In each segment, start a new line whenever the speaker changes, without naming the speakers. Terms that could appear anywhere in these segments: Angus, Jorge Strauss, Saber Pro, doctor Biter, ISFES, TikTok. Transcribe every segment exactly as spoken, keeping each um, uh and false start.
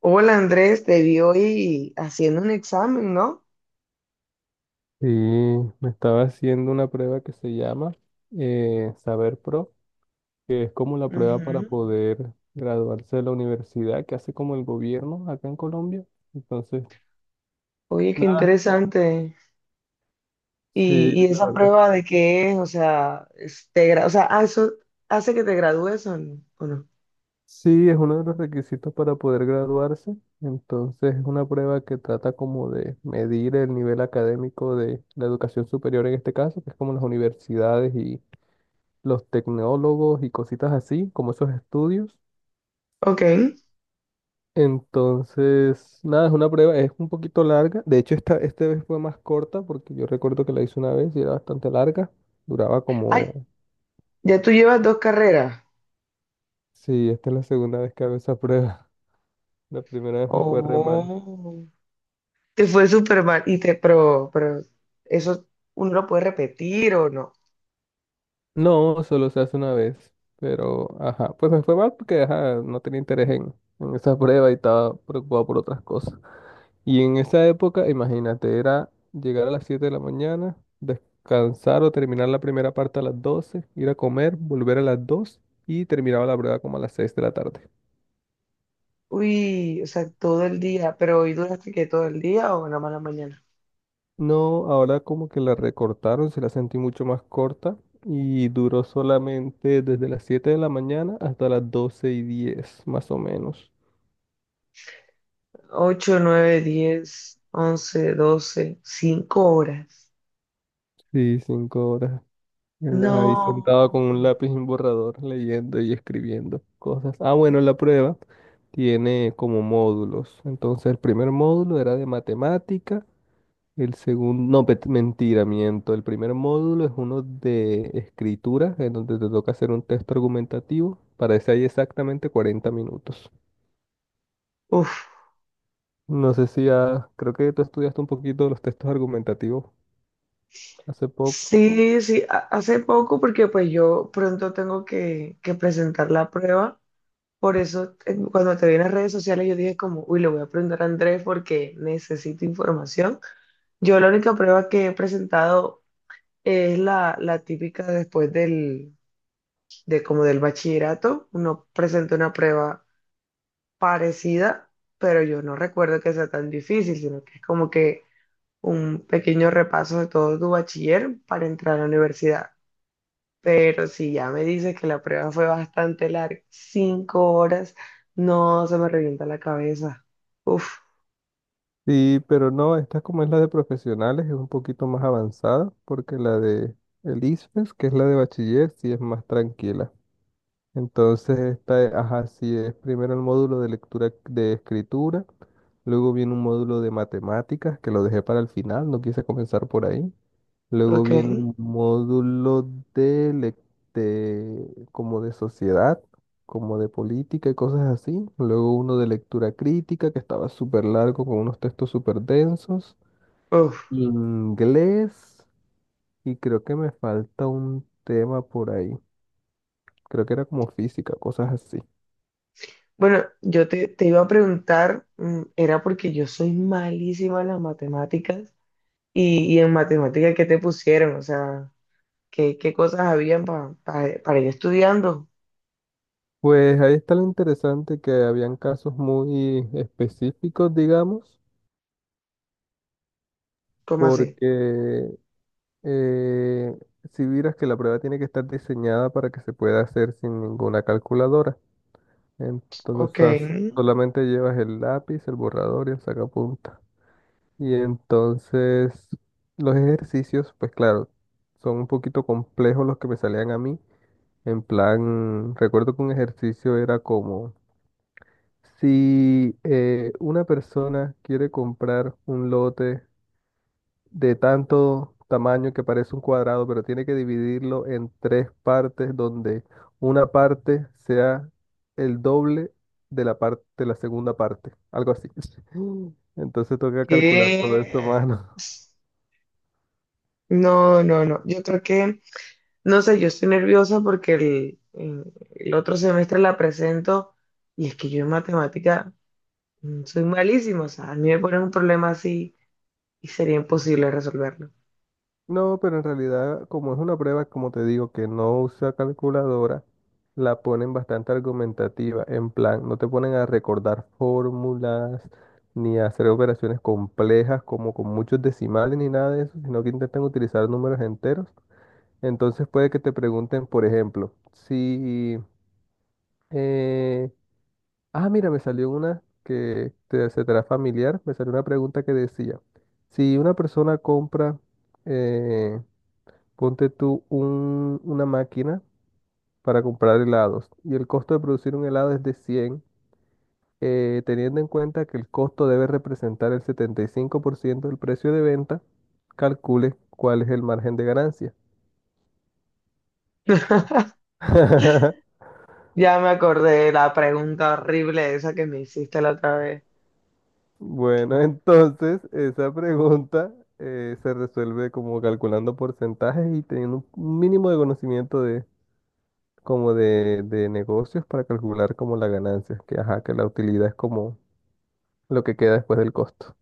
Hola Andrés, te vi hoy haciendo un examen, ¿no?
Sí, me estaba haciendo una prueba que se llama eh, Saber Pro, que es como la prueba para
Ujú.
poder graduarse de la universidad que hace como el gobierno acá en Colombia. Entonces,
Oye, qué
nada,
interesante.
sí,
Y, y
la
esa
verdad.
prueba de qué es, o sea, es- te gra- o sea, ah, eso hace que te gradúes o n- o no.
Sí, es uno de los requisitos para poder graduarse. Entonces, es una prueba que trata como de medir el nivel académico de la educación superior en este caso, que es como las universidades y los tecnólogos y cositas así, como esos estudios.
Ok.
Entonces, nada, es una prueba, es un poquito larga. De hecho, esta, esta vez fue más corta porque yo recuerdo que la hice una vez y era bastante larga. Duraba
Ay,
como...
ya tú llevas dos carreras.
Sí, esta es la segunda vez que hago esa prueba. La primera vez me fue re mal.
Oh, te fue súper mal. Y te, pero, pero eso uno lo puede repetir o no.
No, solo se hace una vez. Pero, ajá, pues me fue mal porque, ajá, no tenía interés en, en esa prueba y estaba preocupado por otras cosas. Y en esa época, imagínate, era llegar a las siete de la mañana, descansar o terminar la primera parte a las doce, ir a comer, volver a las dos y terminaba la prueba como a las seis de la tarde.
Uy, o sea, todo el día, pero hoy duraste que todo el día o nada más la mañana.
No, ahora como que la recortaron, se la sentí mucho más corta y duró solamente desde las siete de la mañana hasta las doce y diez, más o menos.
Ocho, nueve, diez, once, doce, cinco horas.
Sí, cinco horas. Él ahí
No.
sentado con un lápiz y un borrador, leyendo y escribiendo cosas. Ah, bueno, la prueba tiene como módulos. Entonces, el primer módulo era de matemática, el segundo, no, pet- mentira, miento. El primer módulo es uno de escritura, en donde te toca hacer un texto argumentativo. Para ese hay exactamente cuarenta minutos.
Uf.
No sé si ya, creo que tú estudiaste un poquito los textos argumentativos hace poco.
Sí, sí, ha- hace poco porque pues yo pronto tengo que, que presentar la prueba. Por eso eh, cuando te vi en las redes sociales yo dije como, uy, le voy a preguntar a Andrés porque necesito información. Yo la única prueba que he presentado es la, la típica después del, de como del bachillerato. Uno presenta una prueba parecida, pero yo no recuerdo que sea tan difícil, sino que es como que un pequeño repaso de todo tu bachiller para entrar a la universidad. Pero si ya me dices que la prueba fue bastante larga, cinco horas, no se me revienta la cabeza. Uf,
Sí, pero no, esta como es la de profesionales, es un poquito más avanzada, porque la de el I S F E S, que es la de bachiller, sí es más tranquila. Entonces, esta, ajá, sí, es primero el módulo de lectura de escritura, luego viene un módulo de matemáticas, que lo dejé para el final, no quise comenzar por ahí. Luego
ok,
viene un módulo de, lec- de- como de sociedad, como de política y cosas así. Luego uno de lectura crítica, que estaba súper largo, con unos textos súper densos.
uf.
Inglés, y creo que me falta un tema por ahí. Creo que era como física, cosas así.
Bueno, yo te, te iba a preguntar, mm, era porque yo soy malísima en las matemáticas y, y en matemáticas, ¿qué te pusieron? O sea, ¿qué, qué cosas habían pa- pa- para ir estudiando?
Pues ahí está lo interesante que habían casos muy específicos, digamos,
¿Cómo así?
porque eh, si vieras que la prueba tiene que estar diseñada para que se pueda hacer sin ninguna calculadora. Entonces,
Ok.
o sea, solamente llevas el lápiz, el borrador y el sacapunta. Y entonces los ejercicios, pues claro, son un poquito complejos los que me salían a mí. En plan, recuerdo que un ejercicio era como si eh, una persona quiere comprar un lote de tanto tamaño que parece un cuadrado, pero tiene que dividirlo en tres partes donde una parte sea el doble de la parte, de la segunda parte, algo así. Entonces toca calcular todo eso,
Eh,
mano.
No, no, no. Yo creo que, no sé, yo estoy nerviosa porque el, en- el otro semestre la presento y es que yo en matemática mm, soy malísima. O sea, a mí me ponen un problema así y sería imposible resolverlo.
No, pero en realidad, como es una prueba, como te digo, que no usa calculadora, la ponen bastante argumentativa. En plan, no te ponen a recordar fórmulas, ni a hacer operaciones complejas, como con muchos decimales, ni nada de eso, sino que intentan utilizar números enteros. Entonces puede que te pregunten, por ejemplo, si... eh, ah, mira, me salió una que te, se te hará familiar. Me salió una pregunta que decía, si una persona compra... eh, ponte tú un- una máquina para comprar helados y el costo de producir un helado es de cien, eh, teniendo en cuenta que el costo debe representar el setenta y cinco por ciento del precio de venta, calcule cuál es el margen de ganancia.
Ya me acordé de la pregunta horrible esa que me hiciste la otra vez.
Bueno, entonces esa pregunta eh, se resuelve como calculando porcentajes y teniendo un mínimo de conocimiento de como de, de negocios para calcular como la ganancia, que ajá, que la utilidad es como lo que queda después del costo.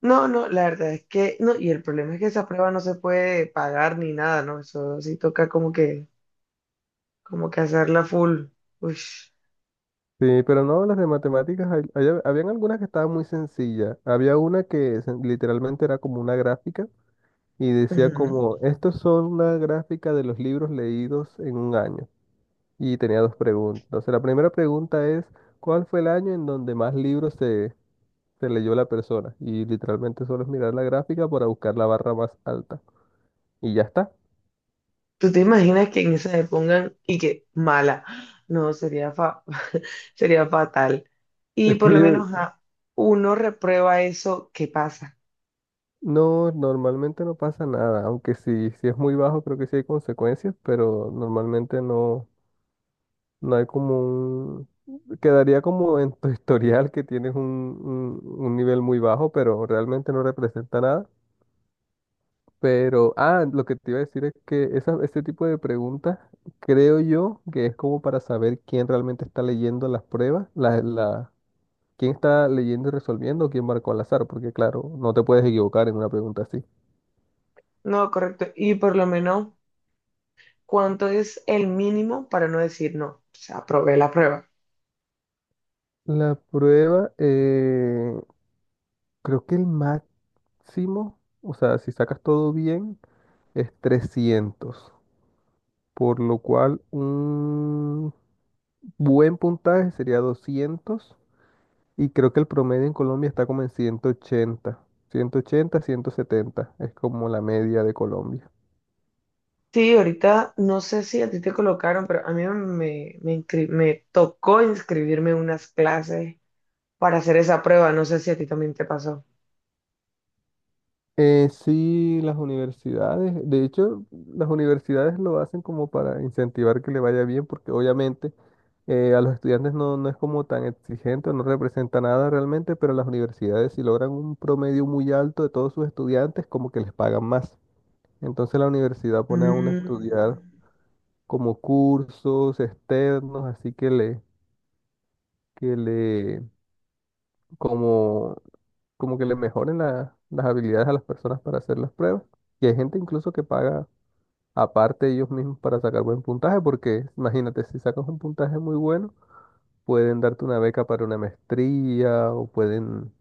No, no, la verdad es que, no, y el problema es que esa prueba no se puede pagar ni nada, ¿no? Eso sí toca como que, como que hacerla full. Uy.
Sí, pero no, las de matemáticas, hay- hay- habían algunas que estaban muy sencillas. Había una que se- literalmente era como una gráfica y decía
Ujú.
como, estos son una gráfica de los libros leídos en un año. Y tenía dos preguntas. Entonces, la primera pregunta es, ¿cuál fue el año en donde más libros se, se leyó la persona? Y literalmente solo es mirar la gráfica para buscar la barra más alta. Y ya está.
¿Tú te imaginas que en esa le pongan y que mala? No, sería, fa- sería fatal. Y
Es
por lo
que
menos a uno reprueba eso, ¿qué pasa?
no, normalmente no pasa nada, aunque si, si es muy bajo creo que sí hay consecuencias, pero normalmente no. No hay como un... Quedaría como en tu historial que tienes un, un- un nivel muy bajo, pero realmente no representa nada. Pero, ah, lo que te iba a decir es que esa, ese tipo de preguntas creo yo que es como para saber quién realmente está leyendo las pruebas, la, la- quién está leyendo y resolviendo o quién marcó al azar, porque claro, no te puedes equivocar en una pregunta así.
No, correcto. Y por lo menos, ¿cuánto es el mínimo para no decir no? O sea, aprobé la prueba.
La prueba, eh, creo que el máximo, o sea, si sacas todo bien, es trescientos, por lo cual un buen puntaje sería doscientos y creo que el promedio en Colombia está como en ciento ciento ochenta, ciento ochenta, ciento setenta es como la media de Colombia.
Sí, ahorita no sé si a ti te colocaron, pero a mí me, me, inscri- me tocó inscribirme en unas clases para hacer esa prueba. No sé si a ti también te pasó.
Eh, sí, las universidades, de hecho, las universidades lo hacen como para incentivar que le vaya bien, porque obviamente eh, a los estudiantes no, no es como tan exigente, no representa nada realmente, pero las universidades si logran un promedio muy alto de todos sus estudiantes, como que les pagan más. Entonces la universidad pone a uno a estudiar
Mm.
como cursos externos, así que le, que le, como, como que le mejoren la- las habilidades a las personas para hacer las pruebas. Y hay gente incluso que paga aparte ellos mismos para sacar buen puntaje, porque imagínate, si sacas un puntaje muy bueno, pueden darte una beca para una maestría o pueden,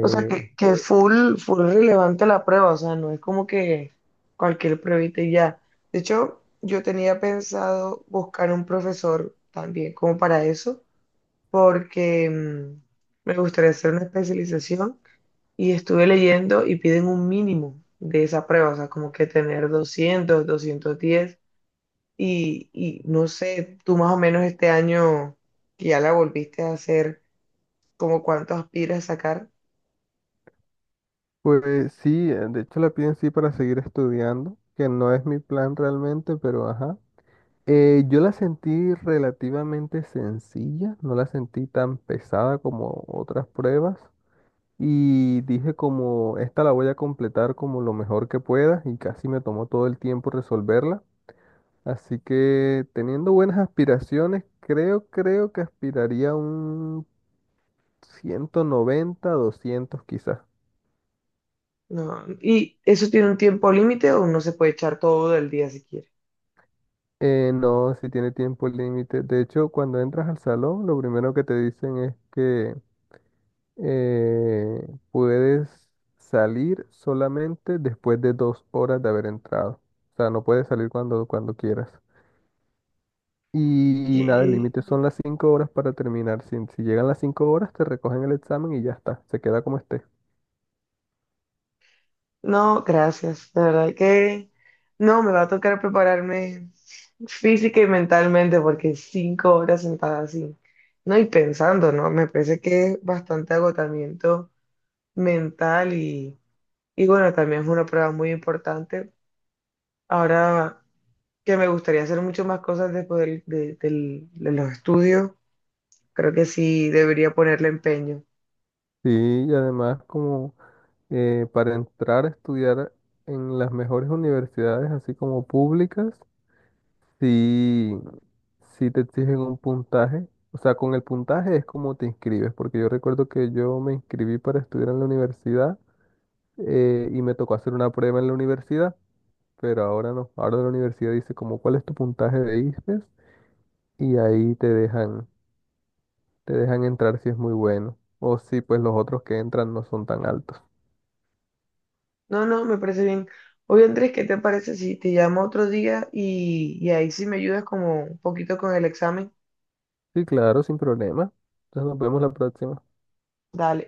O sea, que, que es full, full relevante la prueba, o sea, no es como que cualquier pruebita y ya. De hecho, yo tenía pensado buscar un profesor también como para eso, porque mm, me gustaría hacer una especialización y estuve leyendo y piden un mínimo de esa prueba, o sea, como que tener doscientos doscientos diez y, y no sé, tú más o menos este año que ya la volviste a hacer, como cuánto aspiras a sacar.
pues sí, eh, de hecho la piden sí para seguir estudiando, que no es mi plan realmente, pero ajá. Eh, yo la sentí relativamente sencilla, no la sentí tan pesada como otras pruebas y dije como esta la voy a completar como lo mejor que pueda y casi me tomó todo el tiempo resolverla. Así que teniendo buenas aspiraciones, creo, creo que aspiraría a un ciento noventa, doscientos quizás.
No, ¿y eso tiene un tiempo límite o uno se puede echar todo el día si quiere?
Eh, no, si tiene tiempo límite. De hecho, cuando entras al salón, lo primero que te dicen es que eh, puedes salir solamente después de dos horas de haber entrado. O sea, no puedes salir cuando, cuando quieras. Y, nada, el
¿Qué?
límite son las cinco horas para terminar. Si, si llegan las cinco horas, te recogen el examen y ya está. Se queda como esté.
No, gracias. La verdad que no, me va a tocar prepararme física y mentalmente porque cinco horas sentada así, no, y pensando, ¿no? Me parece que es bastante agotamiento mental y, y bueno, también es una prueba muy importante. Ahora que me gustaría hacer mucho más cosas después del- de, del- de los estudios, creo que sí debería ponerle empeño.
Sí, y además, como eh, para entrar a estudiar en las mejores universidades, así como públicas, sí, sí te exigen un puntaje. O sea, con el puntaje es como te inscribes, porque yo recuerdo que yo me inscribí para estudiar en la universidad eh, y me tocó hacer una prueba en la universidad, pero ahora no. Ahora la universidad dice como cuál es tu puntaje de I S P E S y ahí te dejan, te dejan entrar si es muy bueno. O si pues los otros que entran no son tan altos.
No, no, me parece bien. Oye, Andrés, ¿qué te parece si te llamo otro día y, y ahí sí me ayudas como un poquito con el examen?
Sí, claro, sin problema. Entonces nos vemos la próxima.
Dale.